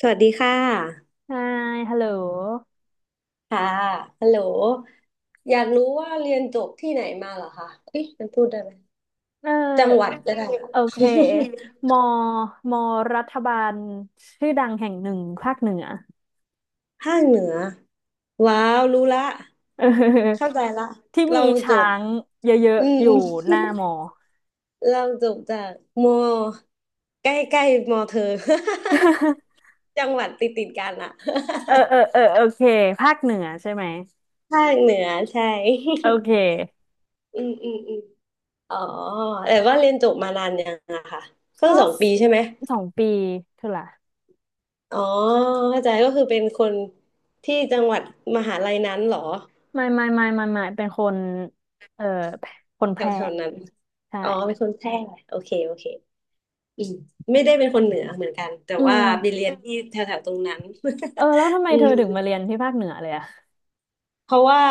สวัสดีค่ะใช่ฮัลโหลค่ะฮัลโหลอยากรู้ว่าเรียนจบที่ไหนมาเหรอคะเอ๊ะมันพูดได้ไหมเจังหวัออดก็ได้โอค่ะ เคมอมอรัฐบาลชื่อดังแห่งหนึ่งภาคเหนือ ภาคเหนือ ว้าว รู้ละ เเข้าออใจละที่มีเราจช้าบงเยอะอืมๆออืยู่ม หน้า มอ เราจบจากมอใกล้ใกล้มอเธอ จังหวัดติดติดกันอะ เออเออเออโอเคภาคเหนือใช่ไหมภาคเหนือใช่ โอ เคอืมอืมอืมอ๋อแต่ว่าเรียนจบมานานยังอะค่ะเพิ่งก็2 ปีใช่ไหม สองปีเท่าไหร่อ๋อเข้าใจก็คือเป็นคนที่จังหวัดมหาลัยนั้นเหรอไม่ไม่ไม่ไม่ไม่เป็นคนเออคนแถแพวร่แถวนั้นใช่อ๋อเป็นคนแพร่โอเคโอเคอืมไม่ได้เป็นคนเหนือเหมือนกันแต่อืว่ามไปเรียนที่แถวแถวตรงนั้น เออแล้วทำไม อืเธอถึงมาเรีมยนที่ภาคเหนือเลยอะเพราะว่า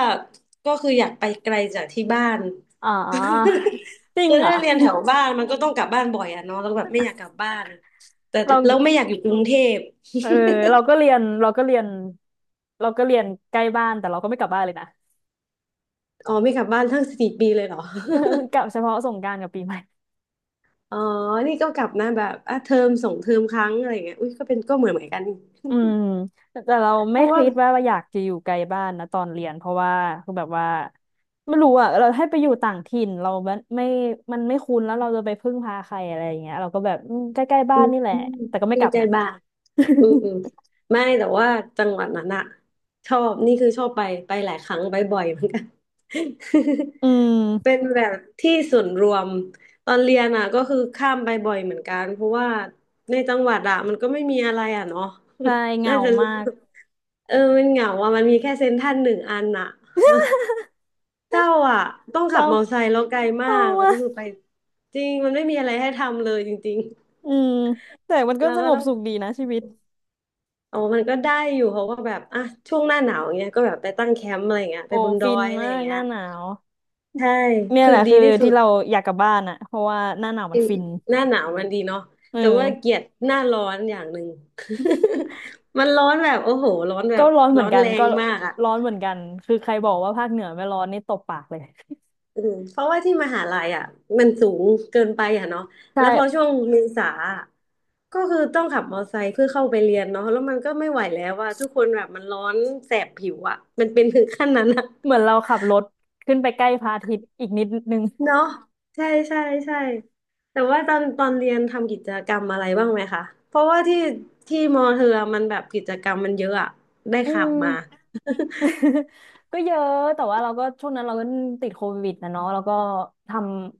ก็คืออยากไปไกลจากที่บ้าน อ๋อ จริ งคือเหรอ ถ้าเรียนแถว บ้านมันก็ต้องกลับบ้านบ่อยอะเนาะแล้วแบบไม่อยากกลับบ้านแต่เรา เราไม่อยากอยู่กรุงเทพเออเราก็เรียนเราก็เรียนใกล้บ้านแต่เราก็ไม่กลับบ้านเลยนะ อ๋อไม่กลับบ้านทั้ง4 ปีเลยเหรอ กลั บเฉพาะสงกรานต์กับปีใหม่อ๋อนี่ก็กลับนะแบบอ่ะเทอมส่งเทอมครั้งอะไรเงี้ยอุ้ยก็เป็นก็เหมือนเหมือนกันนี่อืมแต่เราเพไม่ราะว่าคิดว่าอยากจะอยู่ไกลบ้านนะตอนเรียนเพราะว่าคือแบบว่าไม่รู้อ่ะเราให้ไปอยู่ต่างถิ่นเราไม่มันไม่คุ้นแล้วเราจะไปพึ่งพาใครอะไรอย่างเงี้ยเราก็แบบอืมใกล้ๆบ้าอืนมนี่แหละแต่ก็ไม่เรีกยนลับใจนะ บางอืมอืมไม่แต่ว่าจังหวัดนั้นอะชอบนี่คือชอบไปไปหลายครั้งไปบ่อยเหมือนกัน อืม เป็นแบบที่ส่วนรวมตอนเรียนอะก็คือข้ามไปบ่อยเหมือนกันเพราะว่าในจังหวัดอะมันก็ไม่มีอะไรอะเนาะ ใช่เห งาน่าจะมารู้กเออมันเหงาอะมันมีแค่เซ็นทรัลหนึ่งอันอะ เจ้าอ่ะต้องเศขับร้ามอเตอร์ไซค์แล้วไกลเศมาร้ากแล้วมาก็คือกไปจริงมันไม่มีอะไรให้ทำเลยจริงอืมแต่มันๆก็แล้วสก็งบต้องสุขดีนะชีวิต อ๋อมันก็ได้อยู่เขาก็แบบอ่ะช่วงหน้าหนาวอย่างเงี้ยก็แบบไปตั้งแคมป์อะไรอย่างเงี้ยไปโอ้บนดฟิอนยอะไรมาอย่ากงหเงี้ยน้าหนาวใช่เนี่ยคืแหอละดีคือที่สุที่ดเราอยากกลับบ้านอ่ะเพราะว่าหน้าหนาวมัอืนมฟินหน้าหนาวมันดีเนาะเอแต่ว่าอเกลียดหน้าร้อนอย่างหนึ่ง มันร้อนแบบโอ้โหร้อนแบก็บร้อนเหมืร้ออนนกันแรก็งมากอ่ะ ร้อนเหมือนกันคือใครบอกว่าภาคเหนือไม่ร้อนนี่ตบปากเลย อืมเพราะว่าที่มหาลัยอ่ะมันสูงเกินไปอ่ะเนาะ ใช่แล้วพอช่วงเมษาอะก็คือต้องขับมอเตอร์ไซค์เพื่อเข้าไปเรียนเนาะแล้วมันก็ไม่ไหวแล้วว่าทุกคนแบบมันร้อนแสบผิวอ่ะมันเป็นถึงขั้นนั้นอ่ะเหมือนเราขับรถขึ้นไปใกล้พระอาทิตย์อีกนิดนึงเนาะใช่ใช่ใช่แต่ว่าตอนเรียนทำกิจกรรมอะไรบ้างไหมคะเพราะว่าที่มอเธอมันแบบกิจกรรมมันเยอะอ่ะได้อืข่าวมาม ก็เยอะแต่ว่าเราก็ช่วงนั้นเราก็ติดโควิดนะเนาะแล้วก็ท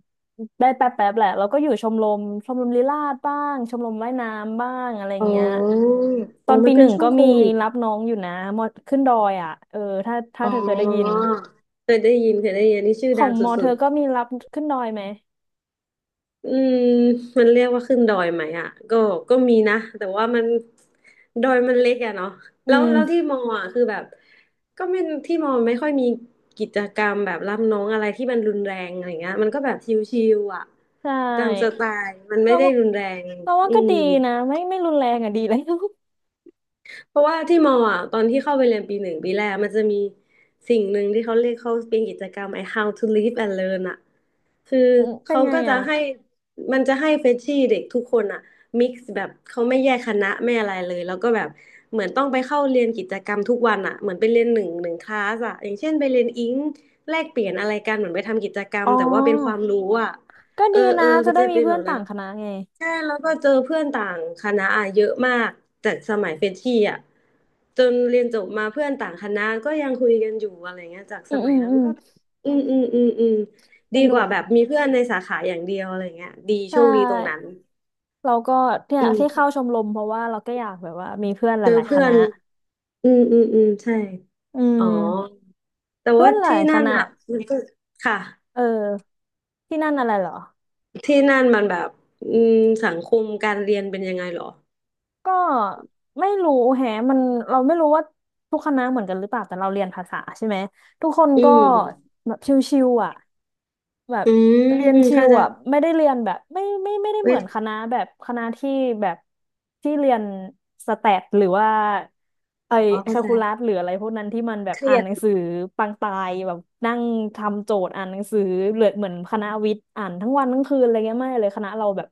ำได้แป๊บแป๊บแหละเราก็อยู่ชมรมลีลาศบ้างชมรมว่ายน้ำบ้างอะไรอ๋เงี้ยอตโอ้อนมัปีนหเป็นนึ่งช่วก็งโคมีวิดรับน้องอยู่นะมอขึ้นดอยอ่ะเออถ้าอ๋เธอเคยได้ยินอเคยได้ยินเคยได้ยินนี่ชื่อขอดังงสมอเธุด อก็มีรับขึ้นดอยไหมอืมมันเรียกว่าขึ้นดอยไหมอ่ะก็ก็มีนะแต่ว่ามันดอยมันเล็กอะเนาะอืแล้วที่มมออ่ะคือแบบก็ไม่ที่มอไม่ค่อยมีกิจกรรมแบบรับน้องอะไรที่มันรุนแรงอะไรเงี้ยมันก็แบบชิวๆอ่ะใชตามสไต่ล์มันไม่เราได้ว่ารุนแรงเราว่าอืก็ม ดีนะไม่รุนแรงอ่ะดีเลย เพราะว่าที่มออ่ะตอนที่เข้าไปเรียนปีหนึ่งปีแรกมันจะมีสิ่งหนึ่งที่เขาเรียกเขาเป็นกิจกรรมไอ้ How to Live and Learn อ่ะคืออืมเป็นเขาไงก็จะอ่ะให้มันจะให้เฟรชชี่เด็กทุกคนอ่ะมิกซ์แบบเขาไม่แยกคณะไม่อะไรเลยแล้วก็แบบเหมือนต้องไปเข้าเรียนกิจกรรมทุกวันอ่ะเหมือนไปเรียนหนึ่งคลาสอ่ะอย่างเช่นไปเรียนอิงแลกเปลี่ยนอะไรกันเหมือนไปทำกิจกรรอ๋มอแต่ว่าเป็นความรู้อ่ะ ก็เอดีอเอนะอจะมันได้จะมีเป็นเพื่แบอนบนั้ต่านงคณะไงใช่แล้วก็เจอเพื่อนต่างคณะอะเยอะมากแต่สมัยเฟรชชี่อ่ะจนเรียนจบมาเพื่อนต่างคณะก็ยังคุยกันอยู่อะไรเงี้ยจากอืสมมัอืยมนั้นอืม ก็อืมอืมอืมอืมสดีกนุว่ากแบบมีเพื่อนในสาขาอย่างเดียวอะไรเงี้ยดีใชโชคดีตรงนั้่นเราก็เนี่ยอืที่มเข้าชมรมเพราะว่าเราก็อยากแบบว่ามีเพื่อนหเจอลายๆคเพื่อณะนอืมอืมอืมใช่อือ๋อมแต่เพื่อว่านหลาที่ยคนั่นณะอ่ะมันก็ค่ะเออที่นั่นอะไรเหรอที่นั่นมันแบบอืมสังคมการเรียนเป็นยังไงเหรอก็ไม่รู้แฮะมันเราไม่รู้ว่าทุกคณะเหมือนกันหรือเปล่าแต่เราเรียนภาษาใช่ไหม ทุกคนอืก็มแบบชิวๆอ่ะแบบอืมเรียนชิเข้าวใจ อ่ะไม่ได้เรียนแบบไม่ได้เวเหมือทนคณะแบบคณะที่แบบที่เรียนสแตทหรือว่าไอ้อ๋อแคเข้าลใจคูลัสหรืออะไรพวกนั้นที่มันแบบเครีอ่านยหดนังสือปังตายแบบนั่งทำโจทย์อ่านหนังสือเหลือเหมือนคณะวิทย์อ่านทั้งวันทั้งคืนอะไรเงี้ยไม่เลยคณะเราแบบ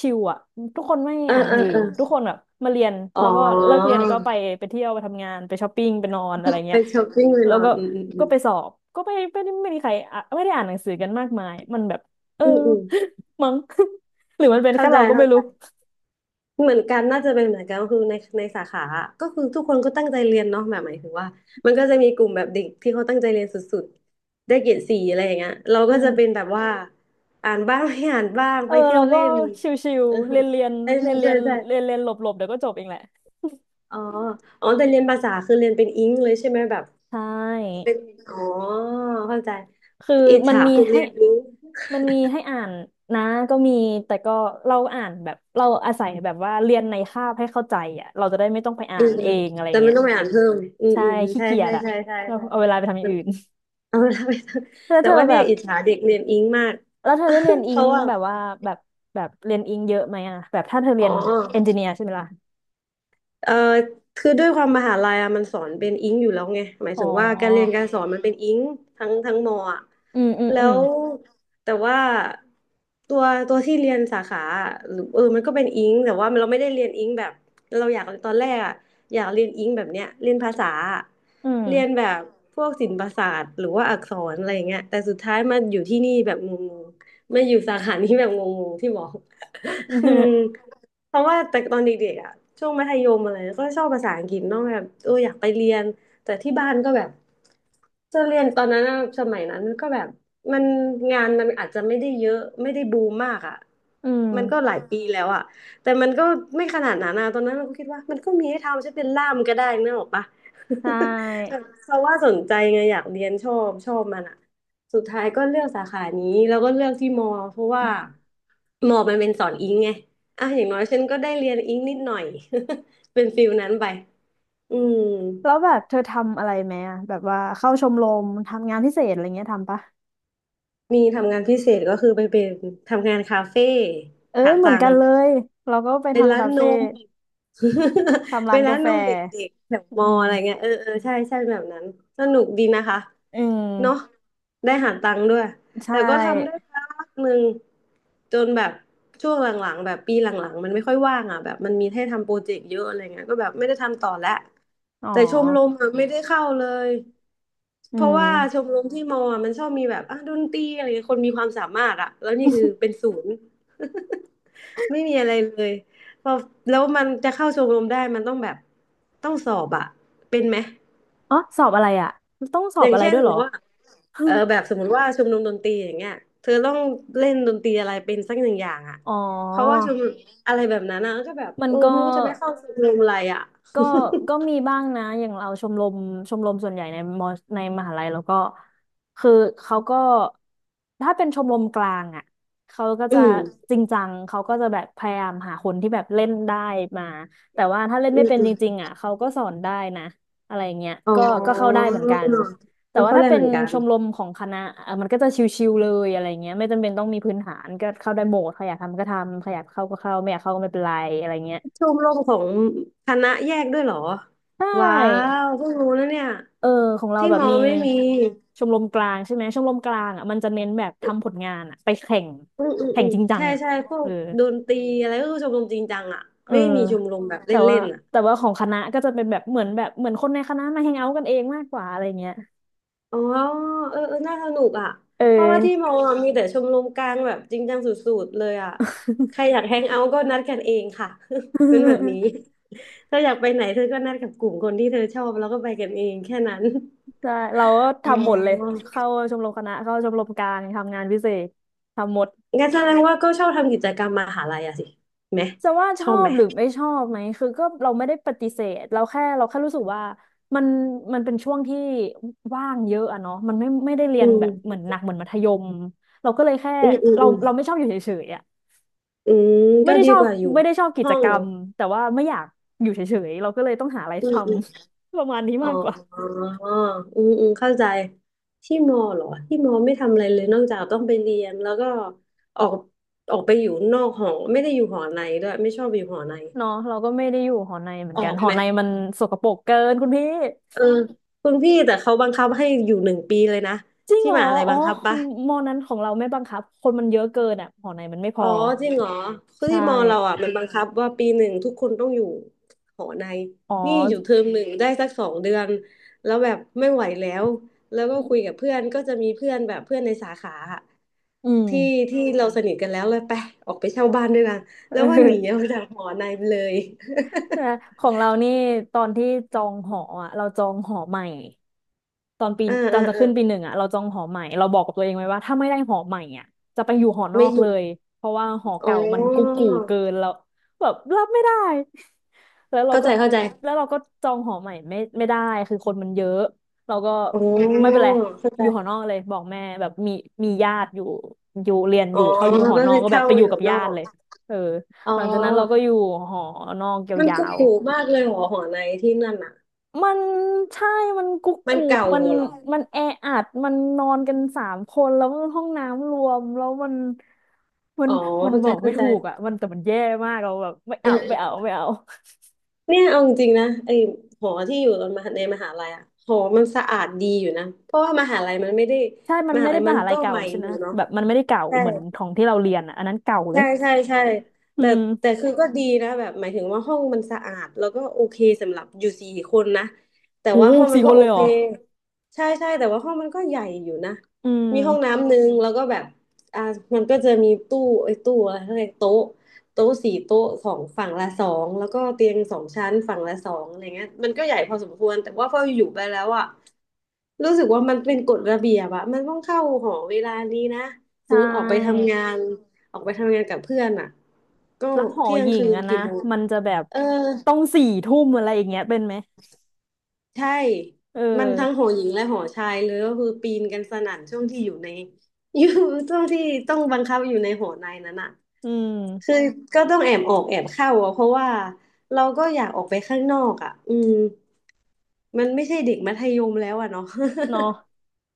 ชิลอ่ะทุกคนไม่เอออ่านหนัเองอสือเออทุกคนแบบมาเรียนอ๋แล้อวก็เลิกเรียนก็ไปไปเที่ยวไปทำงานไปช้อปปิ้งไปนอนอะไรไปเงี้ย ช้อปปิ้งไปแล้นวอก็นอืมอืมอืมไปสอบ ก็ไม่ได้ไม่มีใครอ่ะไม่ได้อ่านหนังสือกันมากมาย มันแบบเออ อืมอืม มั้ง หรือมันเป็นเข้าแค่ใจเราก็ไม่เข้าใจรู้เหมือนกันน่าจะเป็นเหมือนกันก็คือในสาขาอะก็คือทุกคนก็ตั้งใจเรียนเนาะแบบหมายถึงว่ามันก็จะมีกลุ่มแบบเด็กที่เขาตั้งใจเรียนสุดๆได้เกรด 4อะไรอย่างเงี้ยเราอืก็จะเป็นมแบบว่าอ่านบ้างไม่อ่านบ้างเออไปเที่ยเราวก็เล่นชิวเออๆเรียนเรียนใช่เรียนเรีใช่ยนใช่เรียนเรียนหลบหลบเดี๋ยวก็จบเองแหละอ๋ออ๋อแต่เรียนภาษาคือเรียนเป็นอิงเลยใช่ไหมแบบใช่อ๋อเข้าใจคืออิจมันฉามีคุณให้เรียนรู้ มันมีให้อ่านนะก็มีแต่ก็เราอ่านแบบเราอาศัยแบบว่าเรียนในคาบให้เข้าใจอ่ะเราจะได้ไม่ต้องไปอ่าอืนมอืเอมงอะไรแต่มัเงี้นยต้องไปอ่านเพิ่มอืมใช่อืมอืมขี้ใช่เกียใช่จอ่ะใช่ใช่เราใช่เอาเวลาไปทำอย่างอื่น เอาละไป แล้วแต่เธอว่าแบเนี่ยบ อิจฉาเด็กเรียนอิงมาก แล้วเธอได้เรียน อิเพงราะว่าแบบว่าแบบแบบเรียนอิงเยอะไหมอ่ะแบบถ้าเธอเรีอ๋ยอ นเอนจิเนียร์ใช่ไหมล่ะเอ่อคือด้วยความมหาลัยอะมันสอนเป็นอิงอยู่แล้วไงหมายอ๋อถึงว่าการเรียนการสอนมันเป็นอิงทั้งมออะอืมอืมแล้อืมวแต่ว่าตัวตัวที่เรียนสาขาอะหรือเออมันก็เป็นอิงแต่ว่าเราไม่ได้เรียนอิงแบบเราอยากตอนแรกอะอยากเรียนอิงแบบเนี้ยเรียนภาษาอะอืม เรียนแบบพวกศิลปศาสตร์หรือว่าอักษรอะไรอย่างเงี้ยแต่สุดท้ายมาอยู่ที่นี่แบบงงๆมาอยู่สาขานี้แบบงงๆที่บอก อืม เพราะว่าแต่ตอนเด็กๆอ่ะช่วงมัธยมอะไรก็ชอบภาษาอังกฤษเนาะแบบเอออยากไปเรียนแต่ที่บ้านก็แบบจะเรียนตอนนั้นอะสมัยนั้นก็แบบมันงานมันอาจจะไม่ได้เยอะไม่ได้บูมมากอ่ะอืมมันก็หลายปีแล้วอ่ะแต่มันก็ไม่ขนาดนั้นนะตอนนั้นเราก็คิดว่ามันก็มีให้ทำฉันเป็นล่ามก็ได้นึกออกปะ ใช่เพราะว่าสนใจไงอยากเรียนชอบชอบมันอะสุดท้ายก็เลือกสาขานี้แล้วก็เลือกที่มอเพราะว่ามอมันเป็นสอนอิงไงอ่ะอย่างน้อยฉันก็ได้เรียนอิงนิดหน่อย เป็นฟิลนั้นไปอืมแล้วแบบเธอทำอะไรไหมอ่ะแบบว่าเข้าชมรมทำงานพิเศษอะไรเงี้ยทำปะมีทำงานพิเศษก็คือไปเป็นทำงานคาเฟ่เอ้ยหาเหมือตันงกันค์ เลยเราก็ไปเป็นทำร้านคานเฟ่ม ทำร้าเป็นนร้ากานแฟนมเด็กๆแถวอืมออะไรเงี้ยมเออเออใช่ใช่แบบนั้นสนุกดีนะคะอืมเนาะได้หาตังค์ด้วยใช่แต่ก็ทำได้พักหนึ่งจนแบบช่วงหลังๆแบบปีหลังๆมันไม่ค่อยว่างอ่ะแบบมันมีให้ทำโปรเจกต์เยอะอะไรเงี้ยก็แบบไม่ได้ทำต่อแล้วอ๋อแต่ชมรมอะไม่ได้เข้าเลยอืเพราะม ว่าชมรมที่มออะมันชอบมีแบบอ่ะดนตรีอะไรเงี้ยคนมีความสามารถอ่ะแล้วนี่คือเป็น ศูนย์ ไม่มีอะไรเลยพอแล้วมันจะเข้าชมรมได้มันต้องแบบต้องสอบอะเป็นไหมอ๋อสอบอะไรอ่ะต้องสออบย่างอะไรเช่นด้วสยมเหรมอ ติว่า เออแบบสมมติว่าชมรมดนตรีอย่างเงี้ยเธอต้องเล่นดนตรีอะไรเป็นสักหนึ่งอย่างอะอ๋อเพราะว่าชมรมอะไรแบบนั้นนะก็แบบมันเออก็ ไม่รู้จะไปเข้าชมรมอะไรอะก็ก็มีบ้างนะอย่างเราชมรมชมรมส่วนใหญ่ในมอในมหาลัยแล้วก็คือเขาก็ถ้าเป็นชมรมกลางอ่ะเขาก็จะอืมจริงจังเขาก็จะแบบพยายามหาคนที่แบบเล่นได้มาแต่ว่าถ้าเล่นอืไม่มเป็นอจมริงๆอ่ะเขาก็สอนได้นะอะไรเงี้ยอ๋อก็เข้าได้เหมือนกันแต่ก็ว่าเข้าถ้าแรกเป็เหนมือนกันชมรมของคณะเอ่อมันก็จะชิวๆเลยอะไรเงี้ยไม่จำเป็นต้องมีพื้นฐานก็เข้าได้หมดใครอยากทำก็ทำใครอยากเข้าก็เข้าไม่อยากเข้าก็ไม่เป็นไรอะไรเงี้ยชมรมของคณะแยกด้วยเหรอใชว้า่ วเพิ่งรู้นะเนี่ยเออของเราที่แบบมอมีไม่มี ชมรมกลางใช่ไหมชมรมกลางอ่ะมันจะเน้นแบบทำผลงานอ่ะไปแข่งอืมอืมแข่อืงมจริงจังใช่อ่ะใช่พวเอกอดนตรีอะไรก็คือชมรมจริงจังอ่ะเออไม่มีชมรมแบบแต่เล่ว่านๆอ่ะแต่ว่าของคณะก็จะเป็นแบบเหมือนคนในคณะมาแฮงเอาท์กันเองมากกว่าอะไรเงี้ยอ๋อเออเออน่าสนุกอ่ะเอเพราะว่าที่มอ ออะมีแต่ชมรมกลางแบบจริงจังสุดๆเลยอ่ะใครอยากแฮงเอาท์ก็นัดกันเองค่ะ เป็นแบบนี้เธออยากไปไหนเธอ ก็นัดกับกลุ่มคนที่เธอชอบแล้วก็ไปกันเองแค่นั้น ใช่เราก็อ๋ทำหมดเลยอเข้าชมรมคณะเข้าชมรมกลางทำงานพิเศษทำหมด งั้นแสดงว่าก็ชอบทำกิจกรรมมหาลัยอะสิไหมจะว่าชชออบไหบมหรือไม่ชอบไหมคือก็เราไม่ได้ปฏิเสธเราแค่รู้สึกว่ามันมันเป็นช่วงที่ว่างเยอะอะเนาะมันไม่ได้เรียอืนแบบเหมืมอนหนักเหมือนมัธยมเราก็เลยแค่อืมอืมอืมเราไม่ชอบอยู่เฉยๆอะอืมไม่ก็ได้ดีชอกบว่าอยู่ไม่ได้ชอบกิห้จองกรเหรอรมแต่ว่าไม่อยากอยู่เฉยๆเราก็เลยต้องหาอะไรอืทม ำ ประมาณนี้อ๋อมากกว่าอืมอืมเข้าใจที่มอเหรอที่มอไม่ทำอะไรเลยนอกจากต้องไปเรียนแล้วก็ออกออกไปอยู่นอกหอไม่ได้อยู่หอในด้วยไม่ชอบอยู่หอในเนาะเราก็ไม่ได้อยู่หอในเหมือนอกัอนกหอไหมในมันสกปรกเกินคุณพี่เออคุณพี่แต่เขาบังคับให้อยู่หนึ่งปีเลยนะจริงที่เหรอมหาลัยอ๋อบังคับมปะมอนั้นของเราไม่บังคับคนมันเยอะเกินอ่ะหอในมันไม่พอ๋ออจริงเหรอคือใช่ ที่มอเราอ่ะมันบังคับว่าปีหนึ่งทุกคนต้องอยู่หอในอ๋อนี่อยู่เทอมหนึ่งได้สักสองเดือนแล้วแบบไม่ไหวแล้วแล้วก็คุยกับเพื่อนก็จะมีเพื่อนแบบเพื่อนในสาขาอะ อืที่มที่เราสนิทกันแล้วเลยไปออกไปเช่าบ้านด้วยกันเแล้วว่าหนีอออ อกจากหอในไปเลย แต่ของเรานี่ตอนที่จองหออ่ะเราจองหอใหม่ตอนปี อ่าตออ่านจะอ่าขึ้นปีหนึ่งอ่ะเราจองหอใหม่เราบอกกับตัวเองไว้ว่าถ้าไม่ได้หอใหม่อ่ะจะไปอยู่หอนอไม่กอเลยู่ยเพราะว่าหออ๋เก่ามันกุกอกูเกินแล้วแบบรับไม่ได้ แล้วเราเข้าก็ใจเข้าใจแล้วเราก็จองหอใหม่ไม่ได้คือคนมันเยอะเราก็อ๋ไม่อเป็นไรเข้าอใจยู่หอนอกเลยบอกแม่แบบมีญาติอยู่อยู่เรียนออ๋อยู่เขาอก็ยู่คืหอนอกอก็แบบเช่าไปออยู่ยู่กับนอญาติกเลยเออ อ๋อหลังจากนั้นเราก็อยู่หอนอกมันยาก็วถูกมากเลยหอในที่นั่นอ่ะๆมันใช่มันกุ๊กมันกูเก่ามันหัวเหรอมันแออัดมันนอนกันสามคนแล้วมันห้องน้ำรวมแล้วมันมัอ๋นอมันเข้าบใจอกไม่เข้าใจถูกอ่ะมันแต่มันแย่มากเราแบบไม่เออเอาเอไม่เอาอไม่เอาเนี่ยเอาจริงๆนะไอหอที่อยู่ตอนมหาในมหาลัยอ่ะหอมันสะอาดดีอยู่นะเพราะว่ามหาลัยมันไม่ได้ใช่ มัมนไม่หาได้ลัยมมันหาลัก็ยเก่าใหม่ใช่ไหอมยู่เนาะแบบมันไม่ได้เก่าใช่ เหมือนของที่เราเรียนอ่ะอันนั้นเก่าเลใช่ยใช่ใช่อืแต่แต่มคือก็ดีนะแบบหมายถึงว่าห้องมันสะอาดแล้วก็โอเคสำหรับอยู่สี่คนนะแต่โหว่าห้องมัสี่นคก็นโอเลยเหเครอใช่ใช่แต่ว่าห้องมันก็ใหญ่อยู่นะอืมีห้องมน้ำหนึ่งแล้วก็แบบอ่ามันก็จะมีตู้ไอ้ยตู้อะไรเขาเรียกโต๊ะโต๊ะสี่โต๊ะสองฝั่งละสองแล้วก็เตียงสองชั้นฝั่งละสองอะไรเงี้ยมันก็ใหญ่พอสมควรแต่ว่าพออยู่ไปแล้วอ่ะ รู้สึกว่ามันเป็นกฎระเบียบอะมันต้องเข้าหอเวลานี้นะใชสมมติออกไป่ทำงานออกไปทำงานกับเพื่อนอะก็แล้วหอเที่ยหงญิคืงนอะนะกี่โมงมันจะแบบเออต้องสี่ทุ่มอะไรอย่างเงี้ยเป็นไหมใช่เอมันทั้งหออหญิงและหอชายเลยก็คือปีนกันสนั่นช่วงที่อยู่ใน อยู่ช่วงที่ต้องบังคับอยู่ในหอในนั้นอะอืคือม ก็ต้องแอบออกแอบเข้าอะเพราะว่าเราก็อยากออกไปข้างนอกอะอืมมันไม่ใช่เด็กมัธยมแล้วอะเนาะ เนาะ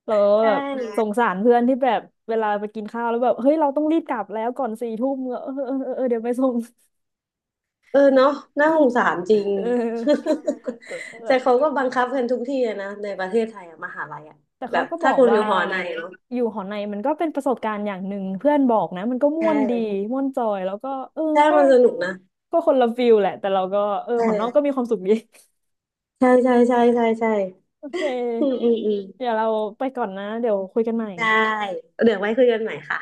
เรา ใชแบบสง่ สารเพื่อนที่แบบเวลาไปกินข้าวแล้วแบบเฮ้ยเราต้องรีบกลับแล้วก่อนสี่ทุ่มเออเออเออเออเดี๋ยวไปส่ง เออเนาะน่าสงสารจริง เออแต่ แต่เขาก็บังคับกันทุกที่อะนะในประเทศไทยอะมหาลัยอะแต่แบเขาบก็บถ้าอกคุณอว่ายู่หอในเนาะอยู่หอในมันก็เป็นประสบการณ์อย่างหนึ่งเพื่อนบอกนะมันก็ใชม่วนดี่ม่วนจอยแล้วก็เออใช่ก็มันสนุกนะก็คนละฟิลแหละแต่เราก็เออใช่หอนอกก็มีความสุขดี ใช่ใช่ใช่ใช่ใช่ โอเคอืมอืมอืมเดี๋ยวเราไปก่อนนะเดี๋ยวคุยกันใหม่ได้เดี๋ยวไว้คุยกันใหม่ค่ะ